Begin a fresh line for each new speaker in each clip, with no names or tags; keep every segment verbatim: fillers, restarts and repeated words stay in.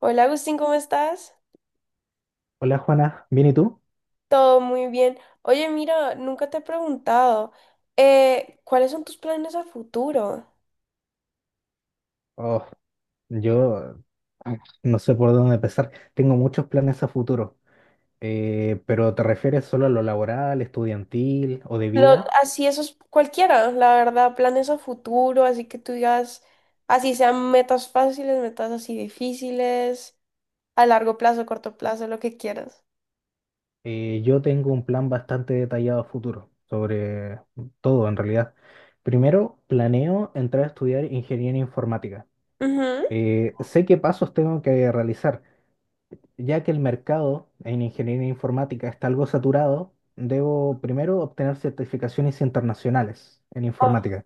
Hola Agustín, ¿cómo estás?
Hola Juana, ¿bien y tú?
Todo muy bien. Oye, mira, nunca te he preguntado, eh, ¿cuáles son tus planes a futuro?
Oh, yo no sé por dónde empezar. Tengo muchos planes a futuro. Eh, pero ¿te refieres solo a lo laboral, estudiantil o de
Lo-
vida?
Así esos, cualquiera, la verdad, planes a futuro, así que tú digas, así sean metas fáciles, metas así difíciles, a largo plazo, corto plazo, lo que quieras.
Eh, yo tengo un plan bastante detallado a futuro sobre todo en realidad. Primero, planeo entrar a estudiar ingeniería informática.
Ujú.
Eh, sé qué pasos tengo que realizar, ya que el mercado en ingeniería informática está algo saturado. Debo primero obtener certificaciones internacionales en
Ah,
informática.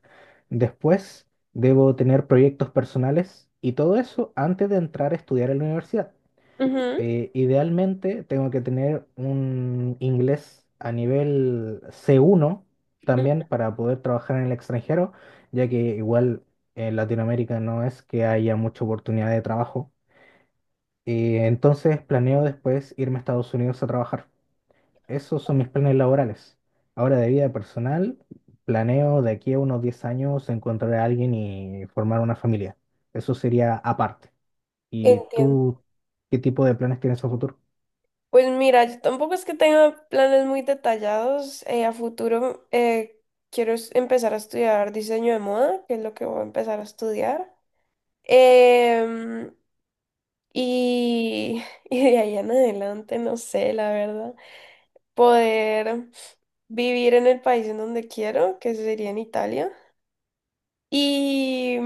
Después, debo tener proyectos personales y todo eso antes de entrar a estudiar en la universidad.
ujú,
Eh, idealmente, tengo que tener un inglés a nivel C uno
ujú.
también para poder trabajar en el extranjero, ya que igual en Latinoamérica no es que haya mucha oportunidad de trabajo. Y entonces planeo después irme a Estados Unidos a trabajar. Esos son mis planes laborales. Ahora de vida personal, planeo de aquí a unos diez años encontrar a alguien y formar una familia. Eso sería aparte. ¿Y
Entiendo.
tú qué tipo de planes tienes a futuro?
Pues mira, yo tampoco es que tenga planes muy detallados. Eh, a futuro, eh, quiero es- empezar a estudiar diseño de moda, que es lo que voy a empezar a estudiar. Em, y, y de ahí en adelante, no sé, la verdad, poder vivir en el país en donde quiero, que sería en Italia. Y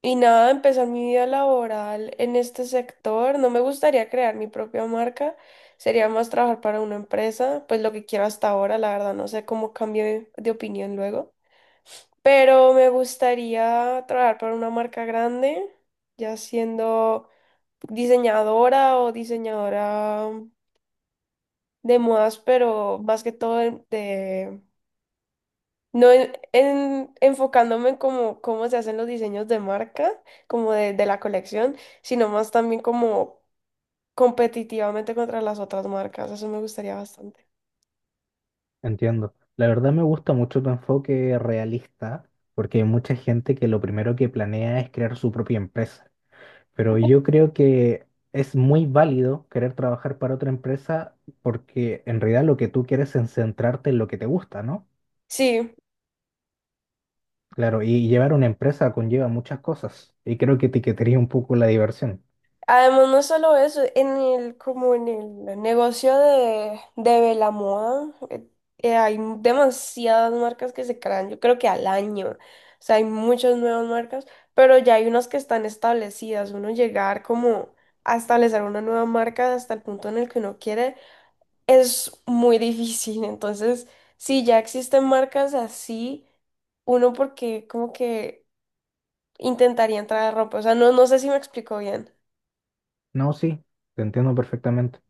Y nada, empezar mi vida laboral en este sector. No me gustaría crear mi propia marca, sería más trabajar para una empresa, pues lo que quiero hasta ahora, la verdad, no sé cómo cambie de opinión luego. Pero me gustaría trabajar para una marca grande, ya siendo diseñadora o diseñadora de modas, pero más que todo de. No en, en- enfocándome en cómo, cómo se hacen los diseños de marca, como de, de la colección, sino más también como competitivamente contra las otras marcas. Eso me gustaría bastante.
Entiendo. La verdad me gusta mucho tu enfoque realista porque hay mucha gente que lo primero que planea es crear su propia empresa. Pero yo creo que es muy válido querer trabajar para otra empresa, porque en realidad lo que tú quieres es centrarte en lo que te gusta, ¿no?
Sí.
Claro, y llevar una empresa conlleva muchas cosas y creo que etiquetaría un poco la diversión.
Además, no es solo eso, en el, como en el negocio de, de la moda, eh, eh, hay demasiadas marcas que se crean, yo creo que al año, o sea, hay muchas nuevas marcas, pero ya hay unas que están establecidas, uno llegar como a establecer una nueva marca hasta el punto en el que uno quiere es muy difícil, entonces, si ya existen marcas así, uno porque como que intentaría entrar a ropa, o sea, no, no sé si me explico bien,
No, sí, te entiendo perfectamente.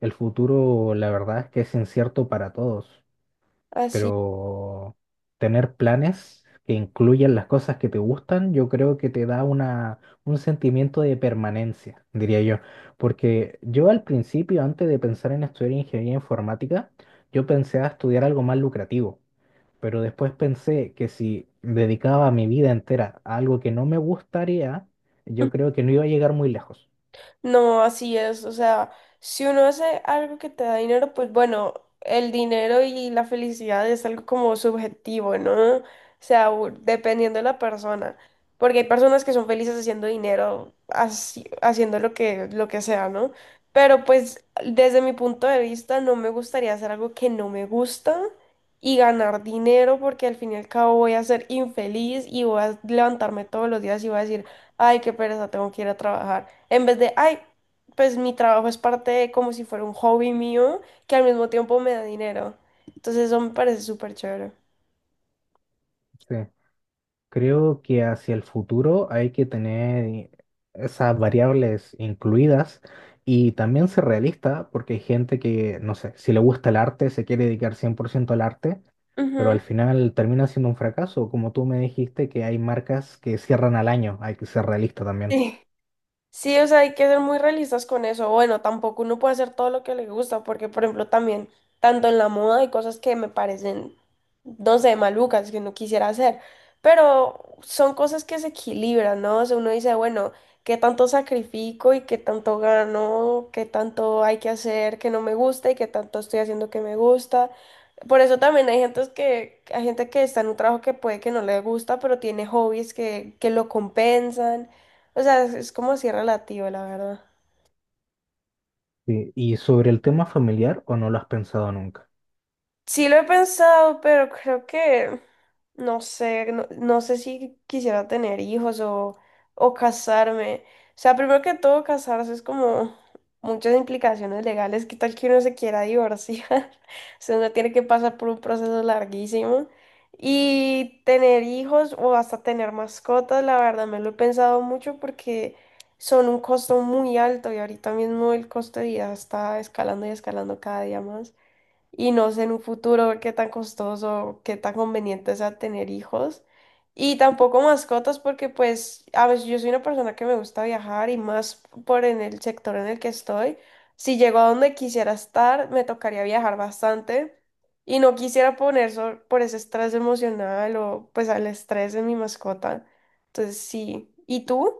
El futuro, la verdad es que es incierto para todos,
así.
pero tener planes que incluyan las cosas que te gustan, yo creo que te da una, un sentimiento de permanencia, diría yo. Porque yo al principio, antes de pensar en estudiar ingeniería informática, yo pensé a estudiar algo más lucrativo, pero después pensé que si dedicaba mi vida entera a algo que no me gustaría, yo creo que no iba a llegar muy lejos.
No, así es. O sea, si uno hace algo que te da dinero, pues bueno, el dinero y la felicidad es algo como subjetivo, ¿no? O sea, u- dependiendo de la persona. Porque hay personas que son felices haciendo dinero, así- haciendo lo que, lo que sea, ¿no? Pero pues desde mi punto de vista no me gustaría hacer algo que no me gusta y ganar dinero porque al fin y al cabo voy a ser infeliz y voy a levantarme todos los días y voy a decir, ay, qué pereza, tengo que ir a trabajar. En vez de, ay, pues mi trabajo es parte de como si fuera un hobby mío que al mismo tiempo me da dinero. Entonces eso me parece súper chévere.
Sí. Creo que hacia el futuro hay que tener esas variables incluidas y también ser realista, porque hay gente que, no sé, si le gusta el arte, se quiere dedicar cien por ciento al arte, pero
Ujú.
al final termina siendo un fracaso. Como tú me dijiste que hay marcas que cierran al año, hay que ser realista también.
Sí. Sí, o sea, hay que ser muy realistas con eso. Bueno, tampoco uno puede hacer todo lo que le gusta, porque, por ejemplo, también, tanto en la moda hay cosas que me parecen, no sé, malucas, que no quisiera hacer, pero son cosas que se equilibran, ¿no? O sea, uno dice, bueno, ¿qué tanto sacrifico y qué tanto gano? ¿Qué tanto hay que hacer que no me gusta y qué tanto estoy haciendo que me gusta? Por eso también hay gente que, hay gente que está en un trabajo que puede que no le gusta, pero tiene hobbies que, que lo compensan. O sea, es es como si relativo, la verdad.
Sí, ¿y sobre el tema familiar o no lo has pensado nunca?
Sí lo he pensado, pero creo que no sé, no, no sé si quisiera tener hijos o, o casarme. O sea, primero que todo, casarse es como muchas implicaciones legales. ¿Qué tal que uno se quiera divorciar? O sea, uno tiene que pasar por un proceso larguísimo. Y tener hijos o hasta tener mascotas, la verdad, me lo he pensado mucho porque son un costo muy alto y ahorita mismo el costo de vida está escalando y escalando cada día más y no sé en un futuro ver qué tan costoso, qué tan conveniente sea tener hijos. Y tampoco mascotas porque pues a veces yo soy una persona que me gusta viajar y más por en el sector en el que estoy. Si llego a donde quisiera estar, me tocaría viajar bastante y no quisiera poner so- por ese estrés emocional o pues al estrés de mi mascota. Entonces sí. ¿Y tú?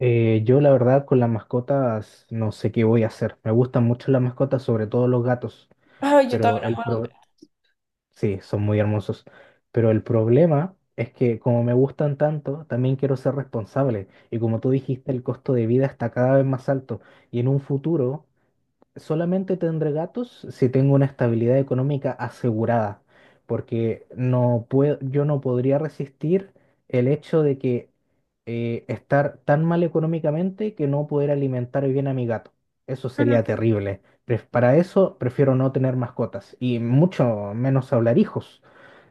Eh, yo la verdad con las mascotas no sé qué voy a hacer. Me gustan mucho las mascotas, sobre todo los gatos,
Ay, yo
pero el, pro- Sí, son muy hermosos. Pero el problema es que como me gustan tanto, también quiero ser responsable. Y como tú dijiste, el costo de vida está cada vez más alto. Y en un futuro, solamente tendré gatos si tengo una estabilidad económica asegurada, porque no puedo, yo no podría resistir el hecho de que eh, estar tan mal económicamente que no poder alimentar bien a mi gato. Eso
también.
sería terrible. Pref- Para eso prefiero no tener mascotas y mucho menos hablar hijos.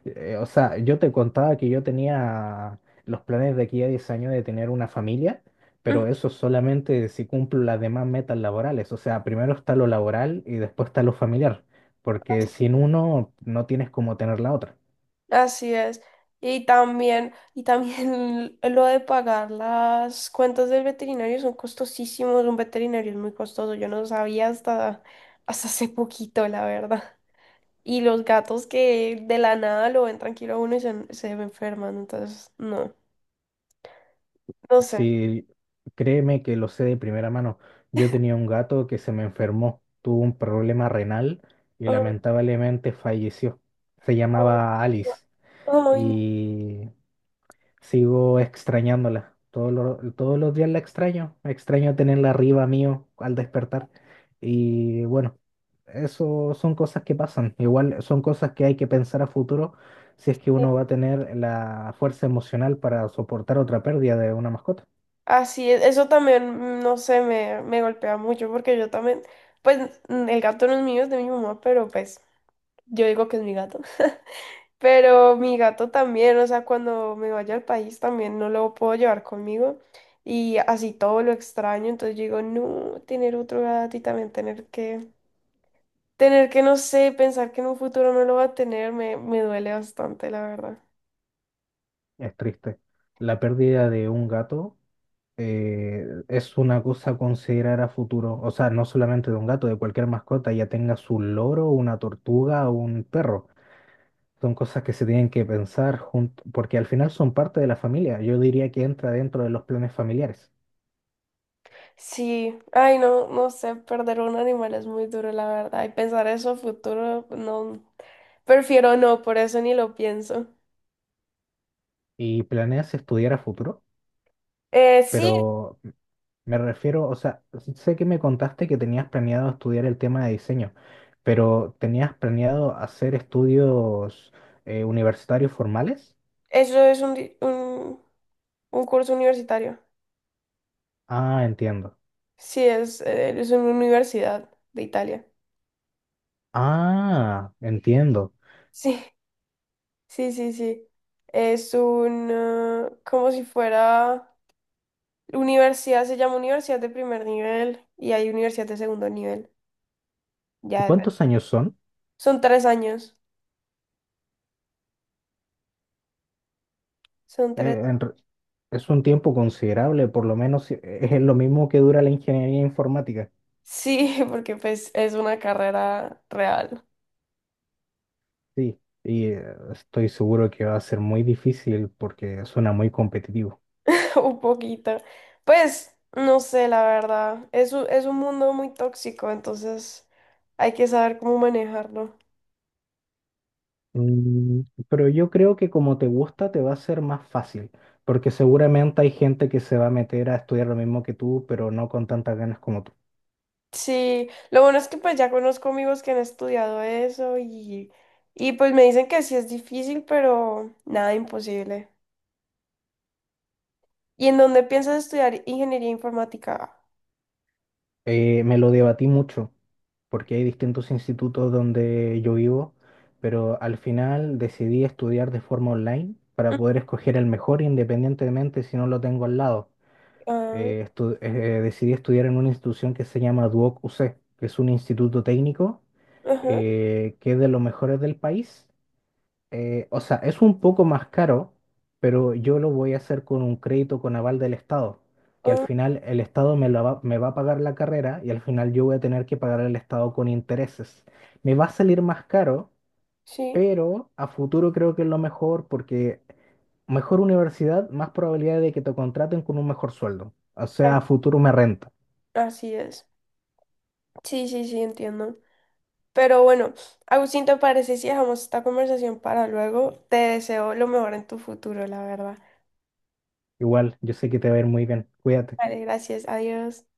Eh, o sea, yo te contaba que yo tenía los planes de aquí a diez años de tener una familia, pero eso solamente si cumplo las demás metas laborales. O sea, primero está lo laboral y después está lo familiar, porque sin uno no tienes cómo tener la otra.
Así es. Y también, y también lo de pagar las cuentas del veterinario son costosísimos. Un veterinario es muy costoso. Yo no sabía hasta, hasta hace poquito, la verdad. Y los gatos que de la nada lo ven tranquilo a uno y se, se enferman. Entonces, no, no sé.
Si, créeme que lo sé de primera mano. Yo tenía un gato que se me enfermó, tuvo un problema renal y
Ah,
lamentablemente falleció. Se
ah,
llamaba Alice.
no, ay, no.
Y sigo extrañándola. Todos los, todos los días la extraño. Extraño tenerla arriba mío al despertar. Y bueno, eso son cosas que pasan. Igual son cosas que hay que pensar a futuro si es que uno va a tener la fuerza emocional para soportar otra pérdida de una mascota.
Así es, eso también, mm, no sé, me, me golpea mucho porque yo también, pues mm, el gato no es mío, es de mi mamá, pero pues yo digo que es mi gato. Pero mi gato también, o sea, cuando me vaya al país también no lo puedo llevar conmigo y así todo lo extraño, entonces yo digo, no, tener otro gato y también tener que, tener que, no sé, pensar que en un futuro no lo va a tener, me, me duele bastante, la verdad.
Es triste. La pérdida de un gato eh, es una cosa a considerar a futuro. O sea, no solamente de un gato, de cualquier mascota, ya tenga su loro, una tortuga o un perro. Son cosas que se tienen que pensar junto, porque al final son parte de la familia. Yo diría que entra dentro de los planes familiares.
Sí, ay, no, no sé, perder un animal es muy duro, la verdad, y pensar eso a futuro, no, prefiero no, por eso ni lo pienso.
¿Y planeas estudiar a futuro?
Eh, sí,
Pero me refiero, o sea, sé que me contaste que tenías planeado estudiar el tema de diseño, pero ¿tenías planeado hacer estudios eh, universitarios formales?
eso es un, di- un, un curso universitario.
Ah, entiendo.
Sí, es, eh, es una universidad de Italia.
Ah, entiendo.
Sí, sí, sí, sí. Es un, eh, como si fuera, universidad, se llama universidad de primer nivel y hay universidad de segundo nivel.
¿Y
Ya, dep-
¿Cuántos años son?
son tres años, son
Eh,
tres.
en re- es un tiempo considerable, por lo menos eh, es lo mismo que dura la ingeniería informática.
Sí, porque pues es una carrera real,
Sí, y eh, estoy seguro que va a ser muy difícil porque suena muy competitivo.
un poquito. Pues, no sé, la verdad, es un, es un mundo muy tóxico, entonces hay que saber cómo manejarlo.
Mm, Pero yo creo que como te gusta, te va a ser más fácil, porque seguramente hay gente que se va a meter a estudiar lo mismo que tú, pero no con tantas ganas como tú.
Sí, lo bueno es que pues ya conozco amigos que han estudiado eso y, y pues me dicen que sí es difícil, pero nada imposible. ¿Y en dónde piensas estudiar ingeniería informática?
Eh, me lo debatí mucho, porque hay distintos institutos donde yo vivo, pero al final decidí estudiar de forma online para poder escoger el mejor independientemente si no lo tengo al lado.
Ah,
eh, estu- eh, Decidí estudiar en una institución que se llama Duoc U C, que es un instituto técnico
ajá,
eh, que es de los mejores del país. Eh, o sea, es un poco más caro, pero yo lo voy a hacer con un crédito con aval del Estado, que al
ah,
final el Estado me, la va, me va a pagar la carrera y al final yo voy a tener que pagar al Estado con intereses. Me va a salir más caro,
sí,
pero a futuro creo que es lo mejor porque... Mejor universidad, más probabilidad de que te contraten con un mejor sueldo. O
ah,
sea, a futuro me renta.
así es. Sí, sí, sí, entiendo. Pero bueno, Agustín, ¿te parece si dejamos esta conversación para luego? Te deseo lo mejor en tu futuro, la verdad.
Igual, yo sé que te va a ir muy bien. Cuídate.
Vale, gracias, adiós.